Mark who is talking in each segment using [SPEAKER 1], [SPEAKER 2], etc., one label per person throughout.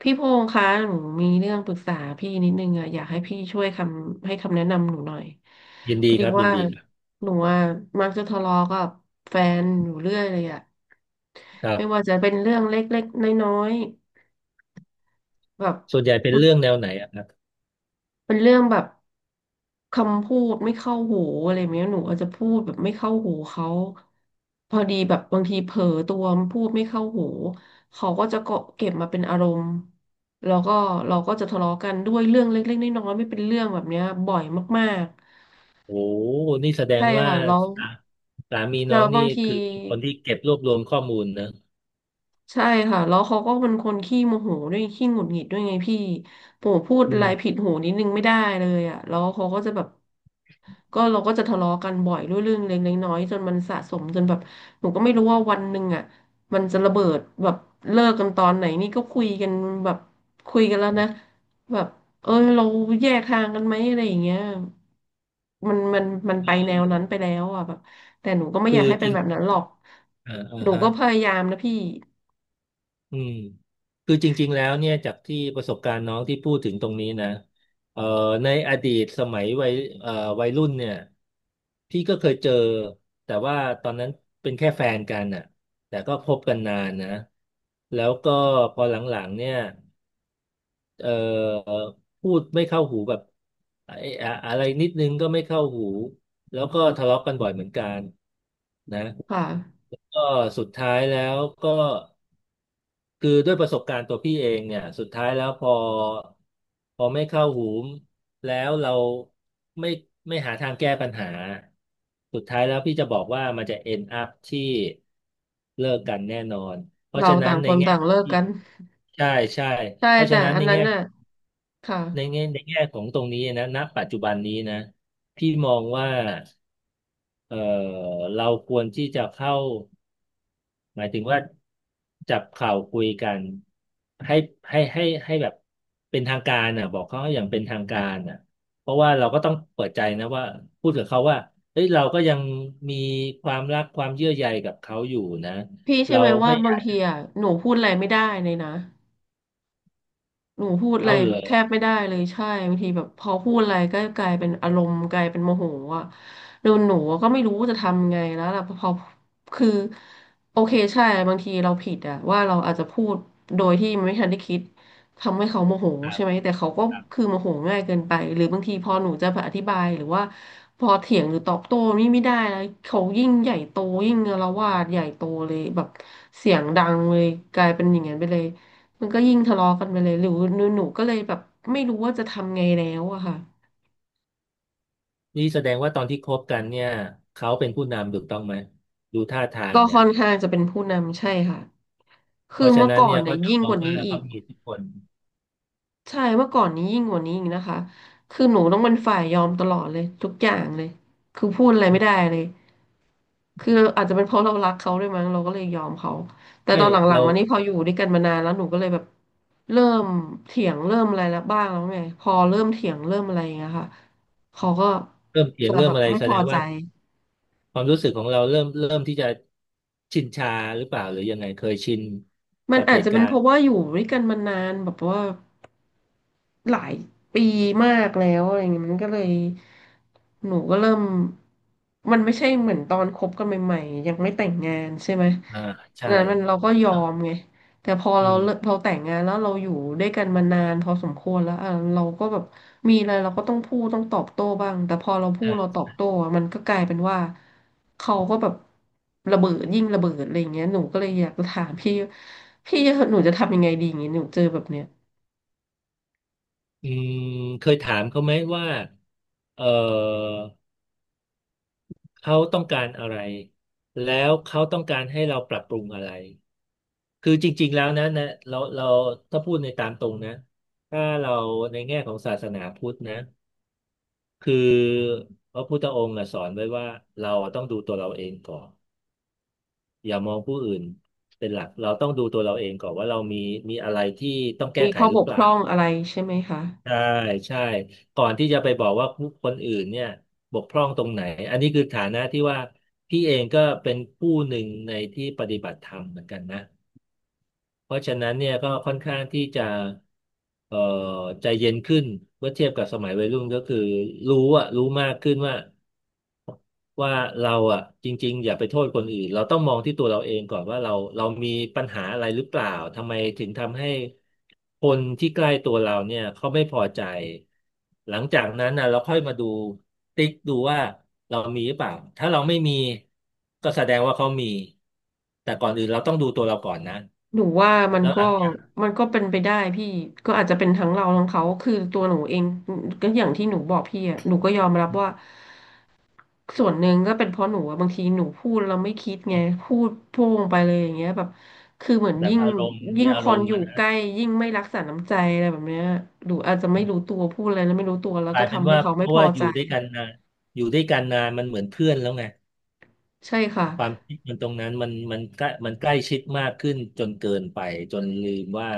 [SPEAKER 1] พี่พงษ์คะหนูมีเรื่องปรึกษาพี่นิดนึงอะอยากให้พี่ช่วยคำให้คำแนะนำหนูหน่อย
[SPEAKER 2] ยิน
[SPEAKER 1] พ
[SPEAKER 2] ดี
[SPEAKER 1] อ
[SPEAKER 2] ค
[SPEAKER 1] ดี
[SPEAKER 2] รับยิน
[SPEAKER 1] ว่า
[SPEAKER 2] ดีครับ
[SPEAKER 1] หนูอะมักจะทะเลาะกับแฟนอยู่เรื่อยเลยอะ
[SPEAKER 2] ครั
[SPEAKER 1] ไม่ว่า
[SPEAKER 2] บ
[SPEAKER 1] จะเป็นเรื่องเล็กๆน้อยๆแบบ
[SPEAKER 2] ส่วนใหญ่เป็นเรื่องแนวไหนอะครับ
[SPEAKER 1] เป็นเรื่องแบบคำพูดไม่เข้าหูอะไรแบบเนี้ยหนูอาจจะพูดแบบไม่เข้าหูเขาพอดีแบบบางทีเผลอตัวพูดไม่เข้าหูเขาก็จะเก็บมาเป็นอารมณ์แล้วก็เราก็จะทะเลาะกันด้วยเรื่องเล็กๆน้อยๆไม่เป็นเรื่องแบบเนี้ยบ่อยมาก
[SPEAKER 2] โอ้นี่แสด
[SPEAKER 1] ๆ
[SPEAKER 2] ง
[SPEAKER 1] ใช่
[SPEAKER 2] ว่า
[SPEAKER 1] ค่ะแล้ว
[SPEAKER 2] สาสามีน้
[SPEAKER 1] แล้
[SPEAKER 2] อ
[SPEAKER 1] ว
[SPEAKER 2] งนี่
[SPEAKER 1] บางที
[SPEAKER 2] คือเป็นคนที่เก็บรวบรวมข้อมูลนะ
[SPEAKER 1] ใช่ค่ะแล้วเขาก็เป็นคนขี้โมโหด้วยขี้หงุดหงิดด้วยไงพี่ผมพูด
[SPEAKER 2] อื
[SPEAKER 1] อะไร
[SPEAKER 2] ม
[SPEAKER 1] ผิดหูนิดนึงไม่ได้เลยอ่ะแล้วเขาก็จะแบบ ก็เราก็จะทะเลาะกันบ่อยด้วยเรื่องเล็กๆน้อยๆจนมันสะสมจนแบบหนูก็ไม่รู้ว่าวันหนึ่งอ่ะมันจะระเบิดแบบเลิกกันตอนไหนนี่ก็คุยกันแบบคุยกันแล้วนะแบบเออเราแยกทางกันไหมอะไรอย่างเงี้ยมันมันไปแนวนั้นไปแล้วอ่ะแบบแต่หนูก็ไม่อ
[SPEAKER 2] คื
[SPEAKER 1] ยาก
[SPEAKER 2] อ
[SPEAKER 1] ให้
[SPEAKER 2] จ
[SPEAKER 1] เป็
[SPEAKER 2] ริ
[SPEAKER 1] น
[SPEAKER 2] ง
[SPEAKER 1] แบบนั้นหรอก
[SPEAKER 2] อ่าอ่า
[SPEAKER 1] หนู
[SPEAKER 2] ฮะ
[SPEAKER 1] ก็พยายามนะพี่
[SPEAKER 2] อืมคือจริงๆแล้วเนี่ยจากที่ประสบการณ์น้องที่พูดถึงตรงนี้นะเอ่อในอดีตสมัยวัยเอ่อวัยรุ่นเนี่ยพี่ก็เคยเจอแต่ว่าตอนนั้นเป็นแค่แฟนกันน่ะแต่ก็คบกันนานนะแล้วก็พอหลังๆเนี่ย เอ่อพูดไม่เข้าหูแบบไอ้อะไรนิดนึงก็ไม่เข้าหูแล้วก็ทะเลาะกันบ่อยเหมือนกันนะ
[SPEAKER 1] ค่ะ
[SPEAKER 2] ก็สุดท้ายแล้วก็คือด้วยประสบการณ์ตัวพี่เองเนี่ยสุดท้ายแล้วพอไม่เข้าหูแล้วเราไม่ไม่หาทางแก้ปัญหาสุดท้ายแล้วพี่จะบอกว่ามันจะ end up ที่เลิกกันแน่นอนเพราะ
[SPEAKER 1] เรา
[SPEAKER 2] ฉะนั้
[SPEAKER 1] ต่า
[SPEAKER 2] น
[SPEAKER 1] ง
[SPEAKER 2] ใน
[SPEAKER 1] คน
[SPEAKER 2] แง่
[SPEAKER 1] ต่างเลิก
[SPEAKER 2] ที่
[SPEAKER 1] กัน
[SPEAKER 2] ใช่ใช่
[SPEAKER 1] ใช่
[SPEAKER 2] เพราะฉะ
[SPEAKER 1] แต่
[SPEAKER 2] นั้น
[SPEAKER 1] อั
[SPEAKER 2] ใน
[SPEAKER 1] นนั้
[SPEAKER 2] แง่
[SPEAKER 1] นน่ะค่ะ
[SPEAKER 2] ในแง่ของตรงนี้นะณปัจจุบันนี้นะพี่มองว่าเออเราควรที่จะเข้าหมายถึงว่าจับเข่าวคุยกันให้ให้แบบเป็นทางการอ่ะบอกเขาอย่างเป็นทางการอ่ะเพราะว่าเราก็ต้องเปิดใจนะว่าพูดกับเขาว่าเฮ้ยเราก็ยังมีความรักความเยื่อใยกับเขาอยู่นะ
[SPEAKER 1] พี่ใช่
[SPEAKER 2] เรา
[SPEAKER 1] อไหมว่า
[SPEAKER 2] ไม่อ
[SPEAKER 1] บา
[SPEAKER 2] ยา
[SPEAKER 1] ง
[SPEAKER 2] ก
[SPEAKER 1] ทีอ่ะหนูพูดอะไรไม่ได้เลยนะ หนูพูดอะ
[SPEAKER 2] เอา
[SPEAKER 1] ไร
[SPEAKER 2] เหร
[SPEAKER 1] แท
[SPEAKER 2] อ
[SPEAKER 1] บไม่ได้เลยใช่บางทีแบบพอพูดอะไรก็กลายเป็นอารมณ์กลายเป็นโมโหอ่ะแล้วหนูก็ไม่รู้จะทำไงแล้วล่ะพอคือโอเคใช่บางทีเราผิดอะว่าเราอาจจะพูดโดยที่นไม่ทันได้คิดทำให้เขาโมโห
[SPEAKER 2] ครั
[SPEAKER 1] ใช่
[SPEAKER 2] บ
[SPEAKER 1] ไหมแต่เขาก็คือโมโหง่ายเกินไปหรือบางทีพอหนูจะอธิบายหรือว่าพอเถียงหรือตอบโต้นี่ไม่ได้แล้วเขายิ่งใหญ่โตยิ่งอาละวาดใหญ่โตเลยแบบเสียงดังเลยกลายเป็นอย่างนั้นไปเลย มันก็ยิ่งทะเลาะกันไปเลยหรือหนูก็เลยแบบไม่รู้ว่าจะทำไงแล้วอะค่ะ
[SPEAKER 2] นี่แสดงว่าตอนที่คบกันเนี่ยเขาเป็นผู้นำถูกต้องไหมดูท่าทาง
[SPEAKER 1] ก็
[SPEAKER 2] เนี่ย
[SPEAKER 1] ค่อนข้างจะเป็นผู้นำใช่ค่ะ
[SPEAKER 2] เพ
[SPEAKER 1] คือ
[SPEAKER 2] ราะฉะ
[SPEAKER 1] เมื่อ
[SPEAKER 2] นั้น
[SPEAKER 1] ก่อ
[SPEAKER 2] เนี่
[SPEAKER 1] น
[SPEAKER 2] ย
[SPEAKER 1] เนี่
[SPEAKER 2] เขา
[SPEAKER 1] ย
[SPEAKER 2] จะ
[SPEAKER 1] ยิ่ง
[SPEAKER 2] ม
[SPEAKER 1] ก
[SPEAKER 2] อง
[SPEAKER 1] ว่านี้
[SPEAKER 2] ว่า
[SPEAKER 1] อี
[SPEAKER 2] เขา
[SPEAKER 1] ก
[SPEAKER 2] มีอิทธิพล
[SPEAKER 1] ใช่เมื่อก่อนนี้ยิ่งกว่านี้อีกนะคะคือหนูต้องเป็นฝ่ายยอมตลอดเลยทุกอย่างเลยคือพูดอะไรไม่ได้เลยคืออาจจะเป็นเพราะเรารักเขาด้วยมั้งเราก็เลยยอมเขา แต่ต
[SPEAKER 2] ให้
[SPEAKER 1] อนหลัง
[SPEAKER 2] เรา
[SPEAKER 1] ๆมานี่พออยู่ด้วยกันมานานแล้วหนูก็เลยแบบเริ่มเถียงเริ่มอะไรแล้วบ้างแล้วไงพอเริ่มเถียงเริ่มอะไรอย่างเงี้ยค่ะเขาก็
[SPEAKER 2] เริ่มเถียง
[SPEAKER 1] จะ
[SPEAKER 2] เริ่
[SPEAKER 1] แบ
[SPEAKER 2] ม
[SPEAKER 1] บ
[SPEAKER 2] อะไร
[SPEAKER 1] ไม่
[SPEAKER 2] แส
[SPEAKER 1] พ
[SPEAKER 2] ด
[SPEAKER 1] อ
[SPEAKER 2] ง
[SPEAKER 1] ใจ
[SPEAKER 2] ว่าความรู้สึกของเราเริ่มที่จะชินชาหรือเปล่าหรือยังไงเคยชิน
[SPEAKER 1] มัน
[SPEAKER 2] กับ
[SPEAKER 1] อา
[SPEAKER 2] เห
[SPEAKER 1] จ
[SPEAKER 2] ตุ
[SPEAKER 1] จะ
[SPEAKER 2] กา
[SPEAKER 1] เป็น
[SPEAKER 2] ร
[SPEAKER 1] เพ
[SPEAKER 2] ณ์
[SPEAKER 1] ราะว่าอยู่ด้วยกันมานานแบบว่า หลายปีมากแล้วอะไรเงี้ยมันก็เลยหนูก็เริ่มมันไม่ใช่เหมือนตอนคบกันใหม่ๆยังไม่แต่งงานใช่ไหม
[SPEAKER 2] อ่าใช่
[SPEAKER 1] ดังนั้นมันเราก็ยอ
[SPEAKER 2] อะ
[SPEAKER 1] มไงแต่พอ
[SPEAKER 2] อื
[SPEAKER 1] เราเลิก
[SPEAKER 2] ม
[SPEAKER 1] เราแต่งงานแล้วเราอยู่ด้วยกันมานานพอสมควรแล้วอ่ะเราก็แบบมีอะไรเราก็ต้องพูดต้องตอบโต้บ้างแต่พอเราพูดเราต
[SPEAKER 2] ใช่
[SPEAKER 1] อบโต้อ่ะมันก็กลายเป็นว่าเขาก็แบบระเบิดยิ่งระเบิดอะไรอย่างเงี้ยหนูก็เลยอยากจะถามพี่พี่หนูจะทำยังไงดีอย่างเงี้ยหนูเจอแบบเนี้ย
[SPEAKER 2] อืมเคยถามเขาไหมว่าเออเขาต้องการอะไรแล้วเขาต้องการให้เราปรับปรุงอะไร คือจริงๆแล้วนะเราถ้าพูดในตามตรงนะถ้าเราในแง่ของศาสนาพุทธนะคือพระพุทธองค์อะสอนไว้ว่าเราต้องดูตัวเราเองก่อนอย่ามองผู้อื่นเป็นหลักเราต้องดูตัวเราเองก่อนว่าเรามีอะไรที่ต้องแก้
[SPEAKER 1] มี
[SPEAKER 2] ไข
[SPEAKER 1] ข้อ
[SPEAKER 2] หรื
[SPEAKER 1] บ
[SPEAKER 2] อ
[SPEAKER 1] ก
[SPEAKER 2] เป
[SPEAKER 1] พ
[SPEAKER 2] ล่า
[SPEAKER 1] ร่องอะไรใช่ไหมคะ
[SPEAKER 2] ใช่ใช่ก่อนที่จะไปบอกว่าผู้คนอื่นเนี่ยบกพร่องตรงไหนอันนี้คือฐานะที่ว่าพี่เองก็เป็นผู้หนึ่งในที่ปฏิบัติธรรมเหมือนกันนะ เพราะฉะนั้นเนี่ยก็ค่อนข้างที่จะเอ่อใจเย็นขึ้นเมื่อเทียบกับสมัยวัยรุ่นก็คือรู้อะรู้มากขึ้นว่าว่าเราอะจริงๆอย่าไปโทษคนอื่นเราต้องมองที่ตัวเราเองก่อนว่าเรามีปัญหาอะไรหรือเปล่าทำไมถึงทำให้คนที่ใกล้ตัวเราเนี่ยเขาไม่พอใจหลังจากนั้นนะเราค่อยมาดูติ๊กดูว่าเรามีหรือเปล่าถ้าเราไม่มีก็แสดงว่าเขามีแต่ก่อนอื่นเราต้องดูตัวเราก่อนนะ
[SPEAKER 1] หนูว่ามัน
[SPEAKER 2] แล้วห
[SPEAKER 1] ก็
[SPEAKER 2] ลังจาก
[SPEAKER 1] มันก็เป็นไปได้พี่ก็อาจจะเป็นทั้งเราทั้งเขาคือตัวหนูเองก็อย่างที่หนูบอกพี่อ่ะหนูก็ยอมรับว่าส่วนหนึ่งก็เป็นเพราะหนูอะบางทีหนูพูดเราไม่คิดไงพูดโพ่งไปเลยอย่างเงี้ยแบบคือเหมือน
[SPEAKER 2] แบบ
[SPEAKER 1] ยิ่ง
[SPEAKER 2] อารมณ์
[SPEAKER 1] ยิ่
[SPEAKER 2] มี
[SPEAKER 1] ง
[SPEAKER 2] อา
[SPEAKER 1] ค
[SPEAKER 2] ร
[SPEAKER 1] น
[SPEAKER 2] มณ์
[SPEAKER 1] อยู่
[SPEAKER 2] อะ
[SPEAKER 1] ใก
[SPEAKER 2] นะ
[SPEAKER 1] ล้ยิ่งไม่รักษาน้ำใจอะไรแบบเนี้ยหนูอาจจะไม่รู้ตัวพูดอะไรแล้วไม่รู้ตัวแล้ว
[SPEAKER 2] กลา
[SPEAKER 1] ก็
[SPEAKER 2] ยเป็น
[SPEAKER 1] ทำให้
[SPEAKER 2] ว่า
[SPEAKER 1] เขา
[SPEAKER 2] เพ
[SPEAKER 1] ไม่
[SPEAKER 2] ราะ
[SPEAKER 1] พอ
[SPEAKER 2] ว่าอ
[SPEAKER 1] ใจ
[SPEAKER 2] ยู่ด้วยกันนานอยู่ด้วยกันนานมันเหมือนเพื่อนแล้วไง
[SPEAKER 1] ใช่ค่ะ
[SPEAKER 2] ความคิดมันตรงนั้นมันใกล้มันใกล้ชิดมากขึ้นจนเกินไปจนลืมว่า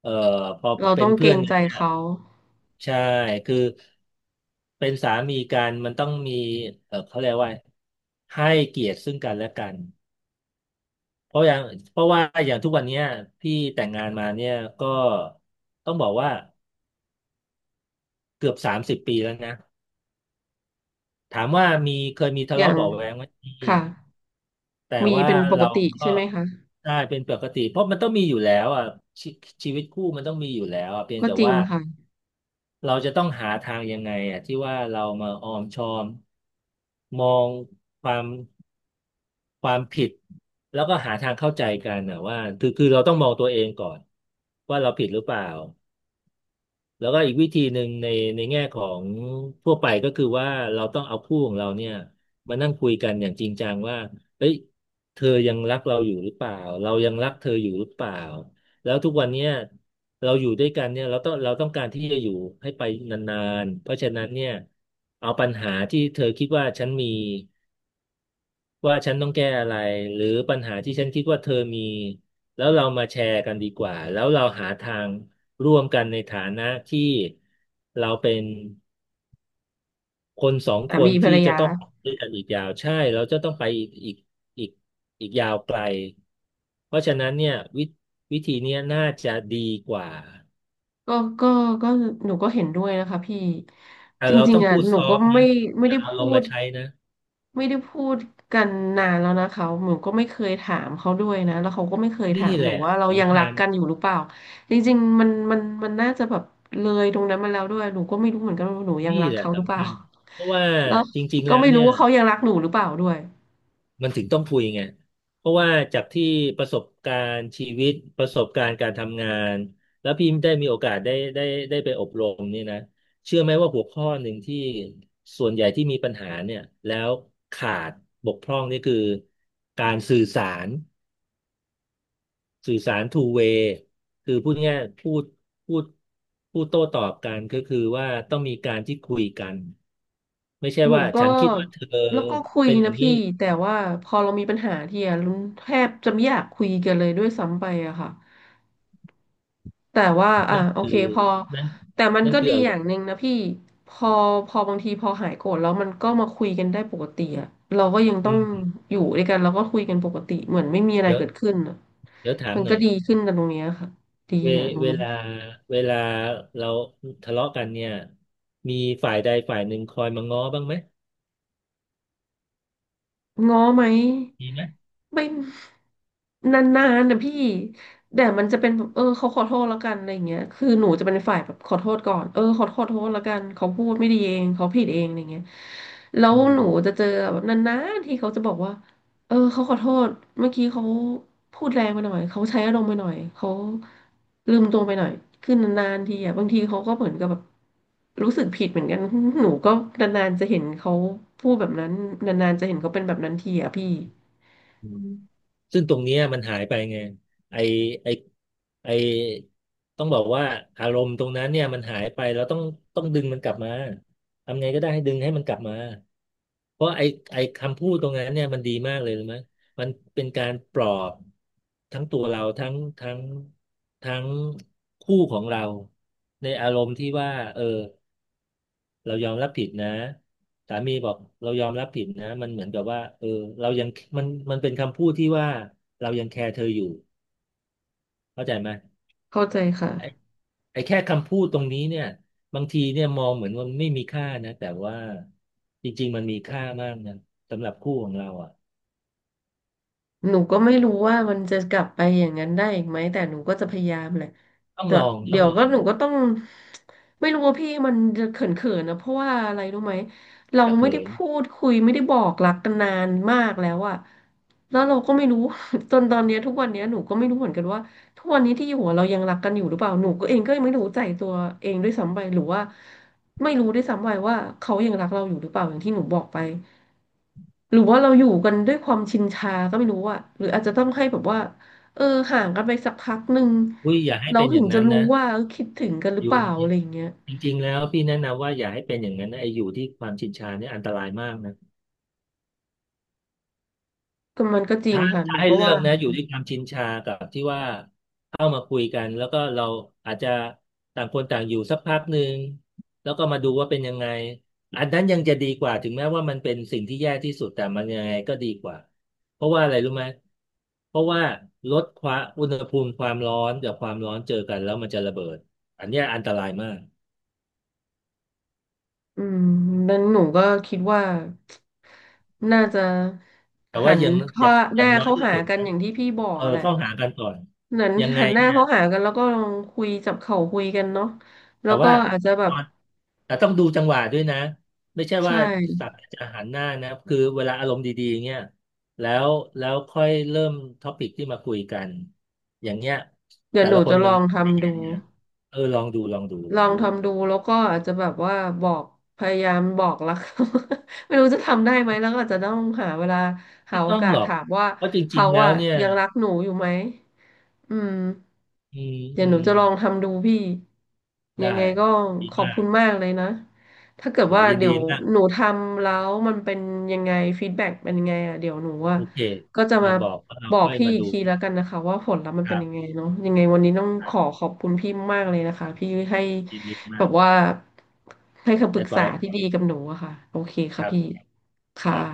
[SPEAKER 2] เอ่อพอ
[SPEAKER 1] เรา
[SPEAKER 2] เป็
[SPEAKER 1] ต้
[SPEAKER 2] น
[SPEAKER 1] องเก
[SPEAKER 2] เพื่
[SPEAKER 1] ร
[SPEAKER 2] อน
[SPEAKER 1] ง
[SPEAKER 2] กั
[SPEAKER 1] ใจ
[SPEAKER 2] นเนี่ย
[SPEAKER 1] เขา
[SPEAKER 2] ใช่คือเป็นสามีกันมันต้องมีเออเขาเรียกว่าให้เกียรติซึ่งกันและกันเพราะอย่างเพราะว่าอย่างทุกวันเนี้ยพี่แต่งงานมาเนี่ยก็ต้องบอกว่าเกือบ30 ปีแล้วนะ ถามว่ามีเคยมีทะ
[SPEAKER 1] อย่า
[SPEAKER 2] เลาะ
[SPEAKER 1] ง
[SPEAKER 2] เบาะแว้งไหมมี
[SPEAKER 1] ค่ะ
[SPEAKER 2] แต่
[SPEAKER 1] มี
[SPEAKER 2] ว่า
[SPEAKER 1] เป็นปก
[SPEAKER 2] เรา
[SPEAKER 1] ติ
[SPEAKER 2] ก็
[SPEAKER 1] ใช่ไหมคะ
[SPEAKER 2] ได้เป็นปกติเพราะมันต้องมีอยู่แล้วอ่ะชีชีวิตคู่มันต้องมีอยู่แล้วอ่ะเพียง
[SPEAKER 1] ก็
[SPEAKER 2] แต่
[SPEAKER 1] จริง
[SPEAKER 2] ว่า
[SPEAKER 1] ค่ะ
[SPEAKER 2] เราจะต้องหาทางยังไงอ่ะที่ว่าเรามาออมชอมมองความความผิดแล้วก็หาทางเข้าใจกันนะว่าคือเราต้องมองตัวเองก่อนว่าเราผิดหรือเปล่า แล้วก็อีกวิธีหนึ่งในแง่ของทั่วไปก็คือว่าเราต้องเอาคู่ของเราเนี่ยมานั่งคุยกันอย่างจริงจังว่าเฮ้ยเธอยังรักเราอยู่หรือเปล่าเรายังรักเธออยู่หรือเปล่าแล้วทุกวันเนี้ยเราอยู่ด้วยกันเนี่ยเราต้องการที่จะอยู่ให้ไปนานๆเพราะฉะนั้นเนี่ยเอาปัญหาที่เธอคิดว่าฉันมี ว่าฉันต้องแก้อะไรหรือปัญหาที่ฉันคิดว่าเธอมีแล้วเรามาแชร์กันดีกว่าแล้วเราหาทางร่วมกันในฐานะที่เราเป็นคนสองค
[SPEAKER 1] อ่ะ
[SPEAKER 2] น
[SPEAKER 1] มีภร
[SPEAKER 2] ที่
[SPEAKER 1] ร
[SPEAKER 2] จะ
[SPEAKER 1] ยา
[SPEAKER 2] ต้องไปด้วยกันอีกยาวใช่เราจะต้องไปอีกอีกอีกยาวไกลเพราะฉะนั้นเนี่ยวิธีเนี้ยน่าจะดีกว่า
[SPEAKER 1] ก็ก็ก็หนูก็เห็นด้วยนะคะพี่
[SPEAKER 2] แต่
[SPEAKER 1] จ
[SPEAKER 2] เรา
[SPEAKER 1] ริ
[SPEAKER 2] ต้
[SPEAKER 1] ง
[SPEAKER 2] อง
[SPEAKER 1] ๆอ่ะ
[SPEAKER 2] พูด
[SPEAKER 1] ห
[SPEAKER 2] ซ
[SPEAKER 1] นู
[SPEAKER 2] อ
[SPEAKER 1] ก็
[SPEAKER 2] ฟต์
[SPEAKER 1] ไม่
[SPEAKER 2] นะ
[SPEAKER 1] ไม่
[SPEAKER 2] อย่า
[SPEAKER 1] ได้
[SPEAKER 2] เอาล
[SPEAKER 1] พู
[SPEAKER 2] งมา
[SPEAKER 1] ด
[SPEAKER 2] ใช้นะ
[SPEAKER 1] ไม่ได้พูดกันนานแล้วนะคะหนูก็ไม่เคยถามเขาด้วยนะแล้วเขาก็ไม่เคย
[SPEAKER 2] นี่
[SPEAKER 1] ถาม
[SPEAKER 2] แห
[SPEAKER 1] หนู
[SPEAKER 2] ละ
[SPEAKER 1] ว่าเรายัง
[SPEAKER 2] สำคั
[SPEAKER 1] รัก
[SPEAKER 2] ญ
[SPEAKER 1] กันอยู่หรือเปล่าจริงๆมันน่าจะแบบเลยตรงนั้นมาแล้วด้วยหนูก็ไม่รู้เหมือนกันว่าหนูยัง
[SPEAKER 2] นี่
[SPEAKER 1] รัก
[SPEAKER 2] แหละ
[SPEAKER 1] เขาหรือเป
[SPEAKER 2] สำ
[SPEAKER 1] ล่า
[SPEAKER 2] คัญเพราะว่า
[SPEAKER 1] แล้ว
[SPEAKER 2] จริงๆ
[SPEAKER 1] ก็
[SPEAKER 2] แล้ว
[SPEAKER 1] ไม่รู้
[SPEAKER 2] เนี่ย
[SPEAKER 1] ว่าเขายังรักหนูหรือเปล่าด้วย
[SPEAKER 2] มันถึงต้องคุยไง เพราะว่าจากที่ประสบการณ์ชีวิตประสบการณ์การทำงานแล้วพี่ได้มีโอกาสได้ไปอบรมนี่นะเชื่อไหมว่าหัวข้อหนึ่งที่ส่วนใหญ่ที่มีปัญหาเนี่ยแล้วขาดบกพร่องนี่คือการรสื่อสาร two way คือพูดง่ายๆพูดพูดโต้ตอบกันก็คือว่าต้องมีการที่คุยกันไม่ใช่
[SPEAKER 1] หนู
[SPEAKER 2] ว่า
[SPEAKER 1] ก็
[SPEAKER 2] ฉันคิดว่าเธอ
[SPEAKER 1] แล้วก็คุย
[SPEAKER 2] เป็นอย่า
[SPEAKER 1] นะ
[SPEAKER 2] งนี้
[SPEAKER 1] พี่แต่ว่าพอเรามีปัญหาทีอะลุงแทบจะไม่อยากคุยกันเลยด้วยซ้ำไปอะค่ะแต่ว่าอ่ะ
[SPEAKER 2] นั่น
[SPEAKER 1] โอ
[SPEAKER 2] คือ
[SPEAKER 1] เค
[SPEAKER 2] นั่น
[SPEAKER 1] แต่มัน
[SPEAKER 2] นั่น
[SPEAKER 1] ก็
[SPEAKER 2] คือ
[SPEAKER 1] ดี
[SPEAKER 2] อา
[SPEAKER 1] อ
[SPEAKER 2] ร
[SPEAKER 1] ย่า
[SPEAKER 2] ม
[SPEAKER 1] ง
[SPEAKER 2] ณ์
[SPEAKER 1] หนึ่งนะพี่พอพอบางทีพอหายโกรธแล้วมันก็มาคุยกันได้ปกติอะเราก็ยัง
[SPEAKER 2] อื
[SPEAKER 1] ต้อง
[SPEAKER 2] ม
[SPEAKER 1] อยู่ด้วยกันเราก็คุยกันปกติเหมือนไม่มีอะไร
[SPEAKER 2] เดี๋ยว
[SPEAKER 1] เกิดขึ้นอะ
[SPEAKER 2] เดี๋ยวถาม
[SPEAKER 1] มัน
[SPEAKER 2] หน่
[SPEAKER 1] ก็
[SPEAKER 2] อย
[SPEAKER 1] ดีขึ้นกันตรงเนี้ยค่ะดี
[SPEAKER 2] เว
[SPEAKER 1] อะตรง
[SPEAKER 2] เว
[SPEAKER 1] นี้
[SPEAKER 2] ลาเวลาเราทะเลาะกันเนี่ยมีฝ่ายใดฝ่ายหนึ่งคอยมาง้อบ้างไหม
[SPEAKER 1] ง้อไหม
[SPEAKER 2] มีไหม
[SPEAKER 1] ไม่นานๆนะพี่แต่มันจะเป็นแบบเออเขาขอโทษแล้วกันอะไรอย่างเงี้ยคือหนูจะเป็นฝ่ายแบบขอโทษก่อนเออขอโทษแล้วกันเขาพูดไม่ดีเองเขาผิดเองอะไรเงี้ยแล้ว
[SPEAKER 2] อื
[SPEAKER 1] หนู
[SPEAKER 2] ม
[SPEAKER 1] จะเจอแบบนานๆที่เขาจะบอกว่า เออเขาขอโทษเมื่อกี้เขาพูดแรงไปหน่อยเขาใช้อารมณ์ไปหน่อยเขาลืมตัวไปหน่อยคือนานๆทีอ่ะบางทีเขาก็เหมือนกับแบบรู้สึกผิดเหมือนกัน หนูก็นานๆจะเห็นเขาพูดแบบนั้นนานๆจะเห็นเขาเป็นแบบนั้นทีอ่ะพี่
[SPEAKER 2] อืมซึ่งตรงเนี้ยมันหายไปไงไอไอไอต้องบอกว่าอารมณ์ตรงนั้นเนี่ยมันหายไปเราต้องดึงมันกลับมาทำไงก็ได้ให้ดึงให้มันกลับมาเพราะไอคำพูดตรงนั้นเนี่ยมันดีมากเลยรู้ไหมมันเป็นการปลอบทั้งตัวเราทั้งทั้งคู่ของเราในอารมณ์ที่ว่าเออ เรายอมรับผิดนะสามีบอกเรายอมรับผิดนะมันเหมือนกับว่าเออเรายังมันเป็นคำพูดที่ว่าเรายังแคร์เธออยู่เข้าใจไหม
[SPEAKER 1] เข้าใจค่ะ
[SPEAKER 2] ไอ้ไอ้แค่คำพูดตรงนี้เนี่ยบางทีเนี่ยมองเหมือนว่าไม่มีค่านะแต่ว่าจริงๆมันมีค่ามากนะสำหรับคู่ของเราอ่ะ
[SPEAKER 1] หนูก็ไม่รู้ว่ามันจะกลับไปอย่างนั้นได้อีกไหมแต่หนูก็จะพยายามแหละแต่
[SPEAKER 2] ต้อ
[SPEAKER 1] เดี๋
[SPEAKER 2] ง
[SPEAKER 1] ยว
[SPEAKER 2] ลอ
[SPEAKER 1] ก็
[SPEAKER 2] ง
[SPEAKER 1] หนูก็ต้องไม่รู้ว่าพี่มันจะเขินๆนะเพราะว่าอะไรรู้ไหมเรา
[SPEAKER 2] อย่า
[SPEAKER 1] ไม่
[SPEAKER 2] เขิ
[SPEAKER 1] ได้
[SPEAKER 2] น
[SPEAKER 1] พูดคุยไม่ได้บอกรักกันนานมากแล้วอะแล้วเราก็ไม่รู้ จนตอนเนี้ยทุกวันเนี้ยหนูก็ไม่รู้เหมือนกันว่าทุกวันนี้ที่อยู่อะเรายังรักกันอยู่หรือเปล่าหนูก็เองก็ยังไม่รู้ใจตัวเองด้วยซ้ำไปหรือว่าไม่รู้ด้วยซ้ำไปว่าเขายังรักเราอยู่หรือเปล่าอย่างที่หนูบอกไป หรือว่าเราอยู่กันด้วยความชินชาก็ไม่รู้อะหรืออาจจะต้องให้แบบว่าเออห่างกันไปสักพักหนึ่ง
[SPEAKER 2] อุ้ยอย่าให้
[SPEAKER 1] เรา
[SPEAKER 2] เป็นอ
[SPEAKER 1] ถึ
[SPEAKER 2] ย่าง
[SPEAKER 1] งจะ
[SPEAKER 2] นั้น
[SPEAKER 1] รู้
[SPEAKER 2] นะ
[SPEAKER 1] ว่าเออคิดถึงกันหรื
[SPEAKER 2] อ
[SPEAKER 1] อเป
[SPEAKER 2] ยู่
[SPEAKER 1] ล่าอะไรอย่างเงี้ย
[SPEAKER 2] จริงๆแล้วพี่แนะนำว่าอย่าให้เป็นอย่างนั้นนะไอ้อยู่ที่ความชินชาเนี่ยอันตรายมากนะ
[SPEAKER 1] ก็มันก็จริงค่ะห
[SPEAKER 2] ถ้า
[SPEAKER 1] นู
[SPEAKER 2] ให้
[SPEAKER 1] ก็
[SPEAKER 2] เลือ
[SPEAKER 1] ว่า
[SPEAKER 2] กนะอยู่ที่ความชินชากับที่ว่าเข้ามาคุยกันแล้วก็เราอาจจะต่างคนต่างอยู่สักพักหนึ่งแล้วก็มาดูว่าเป็นยังไงอันนั้นยังจะดีกว่าถึงแม้ว่ามันเป็นสิ่งที่แย่ที่สุดแต่มันยังไงก็ดีกว่าเพราะว่าอะไรรู้ไหมเพราะว่าลดความอุณหภูมิความร้อนกับความร้อนเจอกันแล้วมันจะระเบิดอันเนี้ยอันตรายมาก
[SPEAKER 1] อืมนั้นหนูก็คิดว่าน่าจะ
[SPEAKER 2] แต่
[SPEAKER 1] หั
[SPEAKER 2] ว่า
[SPEAKER 1] น
[SPEAKER 2] ยัง
[SPEAKER 1] เข้า
[SPEAKER 2] อ
[SPEAKER 1] ห
[SPEAKER 2] ย่าง
[SPEAKER 1] น้า
[SPEAKER 2] น้อย
[SPEAKER 1] เข้า
[SPEAKER 2] ที่
[SPEAKER 1] หา
[SPEAKER 2] สุด
[SPEAKER 1] กัน
[SPEAKER 2] นะ
[SPEAKER 1] อย่างที่พี่บอ
[SPEAKER 2] เอ
[SPEAKER 1] ก
[SPEAKER 2] อ
[SPEAKER 1] อะแหละ
[SPEAKER 2] เข้าหากันก่อน
[SPEAKER 1] นั้น
[SPEAKER 2] ยังไง
[SPEAKER 1] หันหน้า
[SPEAKER 2] เนี่ย
[SPEAKER 1] เข้าหากันแล้วก็ลองคุยจับเข่าคุยกันเนาะแล้
[SPEAKER 2] แต่
[SPEAKER 1] วก็
[SPEAKER 2] ว่า
[SPEAKER 1] อาจ
[SPEAKER 2] ไอ้
[SPEAKER 1] จะแบ
[SPEAKER 2] ต
[SPEAKER 1] บ
[SPEAKER 2] อนแต่ต้องดูจังหวะด้วยนะไม่ใช่
[SPEAKER 1] ใช่
[SPEAKER 2] ว่าสักจะหันหน้านะคือเวลาอารมณ์ดีๆเงี้ยแล้วแล้วค่อยเริ่มท็อปิกที่มาคุยกันอย่างเงี้ย
[SPEAKER 1] เดี๋ย
[SPEAKER 2] แต่
[SPEAKER 1] วหนู
[SPEAKER 2] ละคน
[SPEAKER 1] จะล
[SPEAKER 2] มัน
[SPEAKER 1] องทำดู
[SPEAKER 2] เออลองดูลองดูล
[SPEAKER 1] ล
[SPEAKER 2] อง
[SPEAKER 1] อง
[SPEAKER 2] ดู
[SPEAKER 1] ทำดูแล้วก็อาจจะแบบว่าบอกพยายามบอกรัก ไม่รู้จะทำได้ไหมแล้วก็อาจจะต้องหาเวลาหา
[SPEAKER 2] ไม่
[SPEAKER 1] โอ
[SPEAKER 2] ต้อง
[SPEAKER 1] กา
[SPEAKER 2] ห
[SPEAKER 1] ส
[SPEAKER 2] รอก
[SPEAKER 1] ถามว่า
[SPEAKER 2] เพราะจริ
[SPEAKER 1] เขา
[SPEAKER 2] งๆแล้ว
[SPEAKER 1] อะ
[SPEAKER 2] เนี่ย
[SPEAKER 1] ยังรักหนูอยู่ไหมอืม
[SPEAKER 2] อืม
[SPEAKER 1] เดี๋ย
[SPEAKER 2] อื
[SPEAKER 1] วหนู
[SPEAKER 2] ม
[SPEAKER 1] จะลองทำดูพี่ยัง
[SPEAKER 2] ได้
[SPEAKER 1] ไงก็
[SPEAKER 2] ดี
[SPEAKER 1] ขอบ
[SPEAKER 2] มา
[SPEAKER 1] คุณ
[SPEAKER 2] ก
[SPEAKER 1] มากเลยนะถ้าเกิด
[SPEAKER 2] โอ้
[SPEAKER 1] ว่า
[SPEAKER 2] ยิน
[SPEAKER 1] เดี๋
[SPEAKER 2] ดี
[SPEAKER 1] ยว
[SPEAKER 2] มาก
[SPEAKER 1] หนูทำแล้วมันเป็นยังไงฟีดแบ็กเป็นยังไงอ่ะเดี๋ยวหนูว่า
[SPEAKER 2] โอเค
[SPEAKER 1] ก็จะ
[SPEAKER 2] มา
[SPEAKER 1] มา
[SPEAKER 2] บอกว่าเรา
[SPEAKER 1] บอก
[SPEAKER 2] ค่อย
[SPEAKER 1] พี่
[SPEAKER 2] มา
[SPEAKER 1] อีก
[SPEAKER 2] ดู
[SPEAKER 1] ทีแล้วกันนะคะว่าผลลัพธ์มัน
[SPEAKER 2] ค
[SPEAKER 1] เป็นยัง
[SPEAKER 2] รับ
[SPEAKER 1] ไงเนาะยังไงวันนี้ต้อง
[SPEAKER 2] ค
[SPEAKER 1] ข
[SPEAKER 2] รั
[SPEAKER 1] อ
[SPEAKER 2] บ
[SPEAKER 1] ขอบคุณพี่มากเลยนะ
[SPEAKER 2] ค
[SPEAKER 1] คะ
[SPEAKER 2] รับ
[SPEAKER 1] พี่ให้
[SPEAKER 2] ยินดี
[SPEAKER 1] แบ
[SPEAKER 2] มา
[SPEAKER 1] บ
[SPEAKER 2] ก
[SPEAKER 1] ว่าให้คำป
[SPEAKER 2] แอ
[SPEAKER 1] รึก
[SPEAKER 2] ด
[SPEAKER 1] ษา
[SPEAKER 2] ไว้
[SPEAKER 1] ที่ดีกับหนูอะค่ะโอเค
[SPEAKER 2] ค
[SPEAKER 1] ค่ะ
[SPEAKER 2] รับ
[SPEAKER 1] พี่
[SPEAKER 2] ค
[SPEAKER 1] ค่ะ
[SPEAKER 2] รับ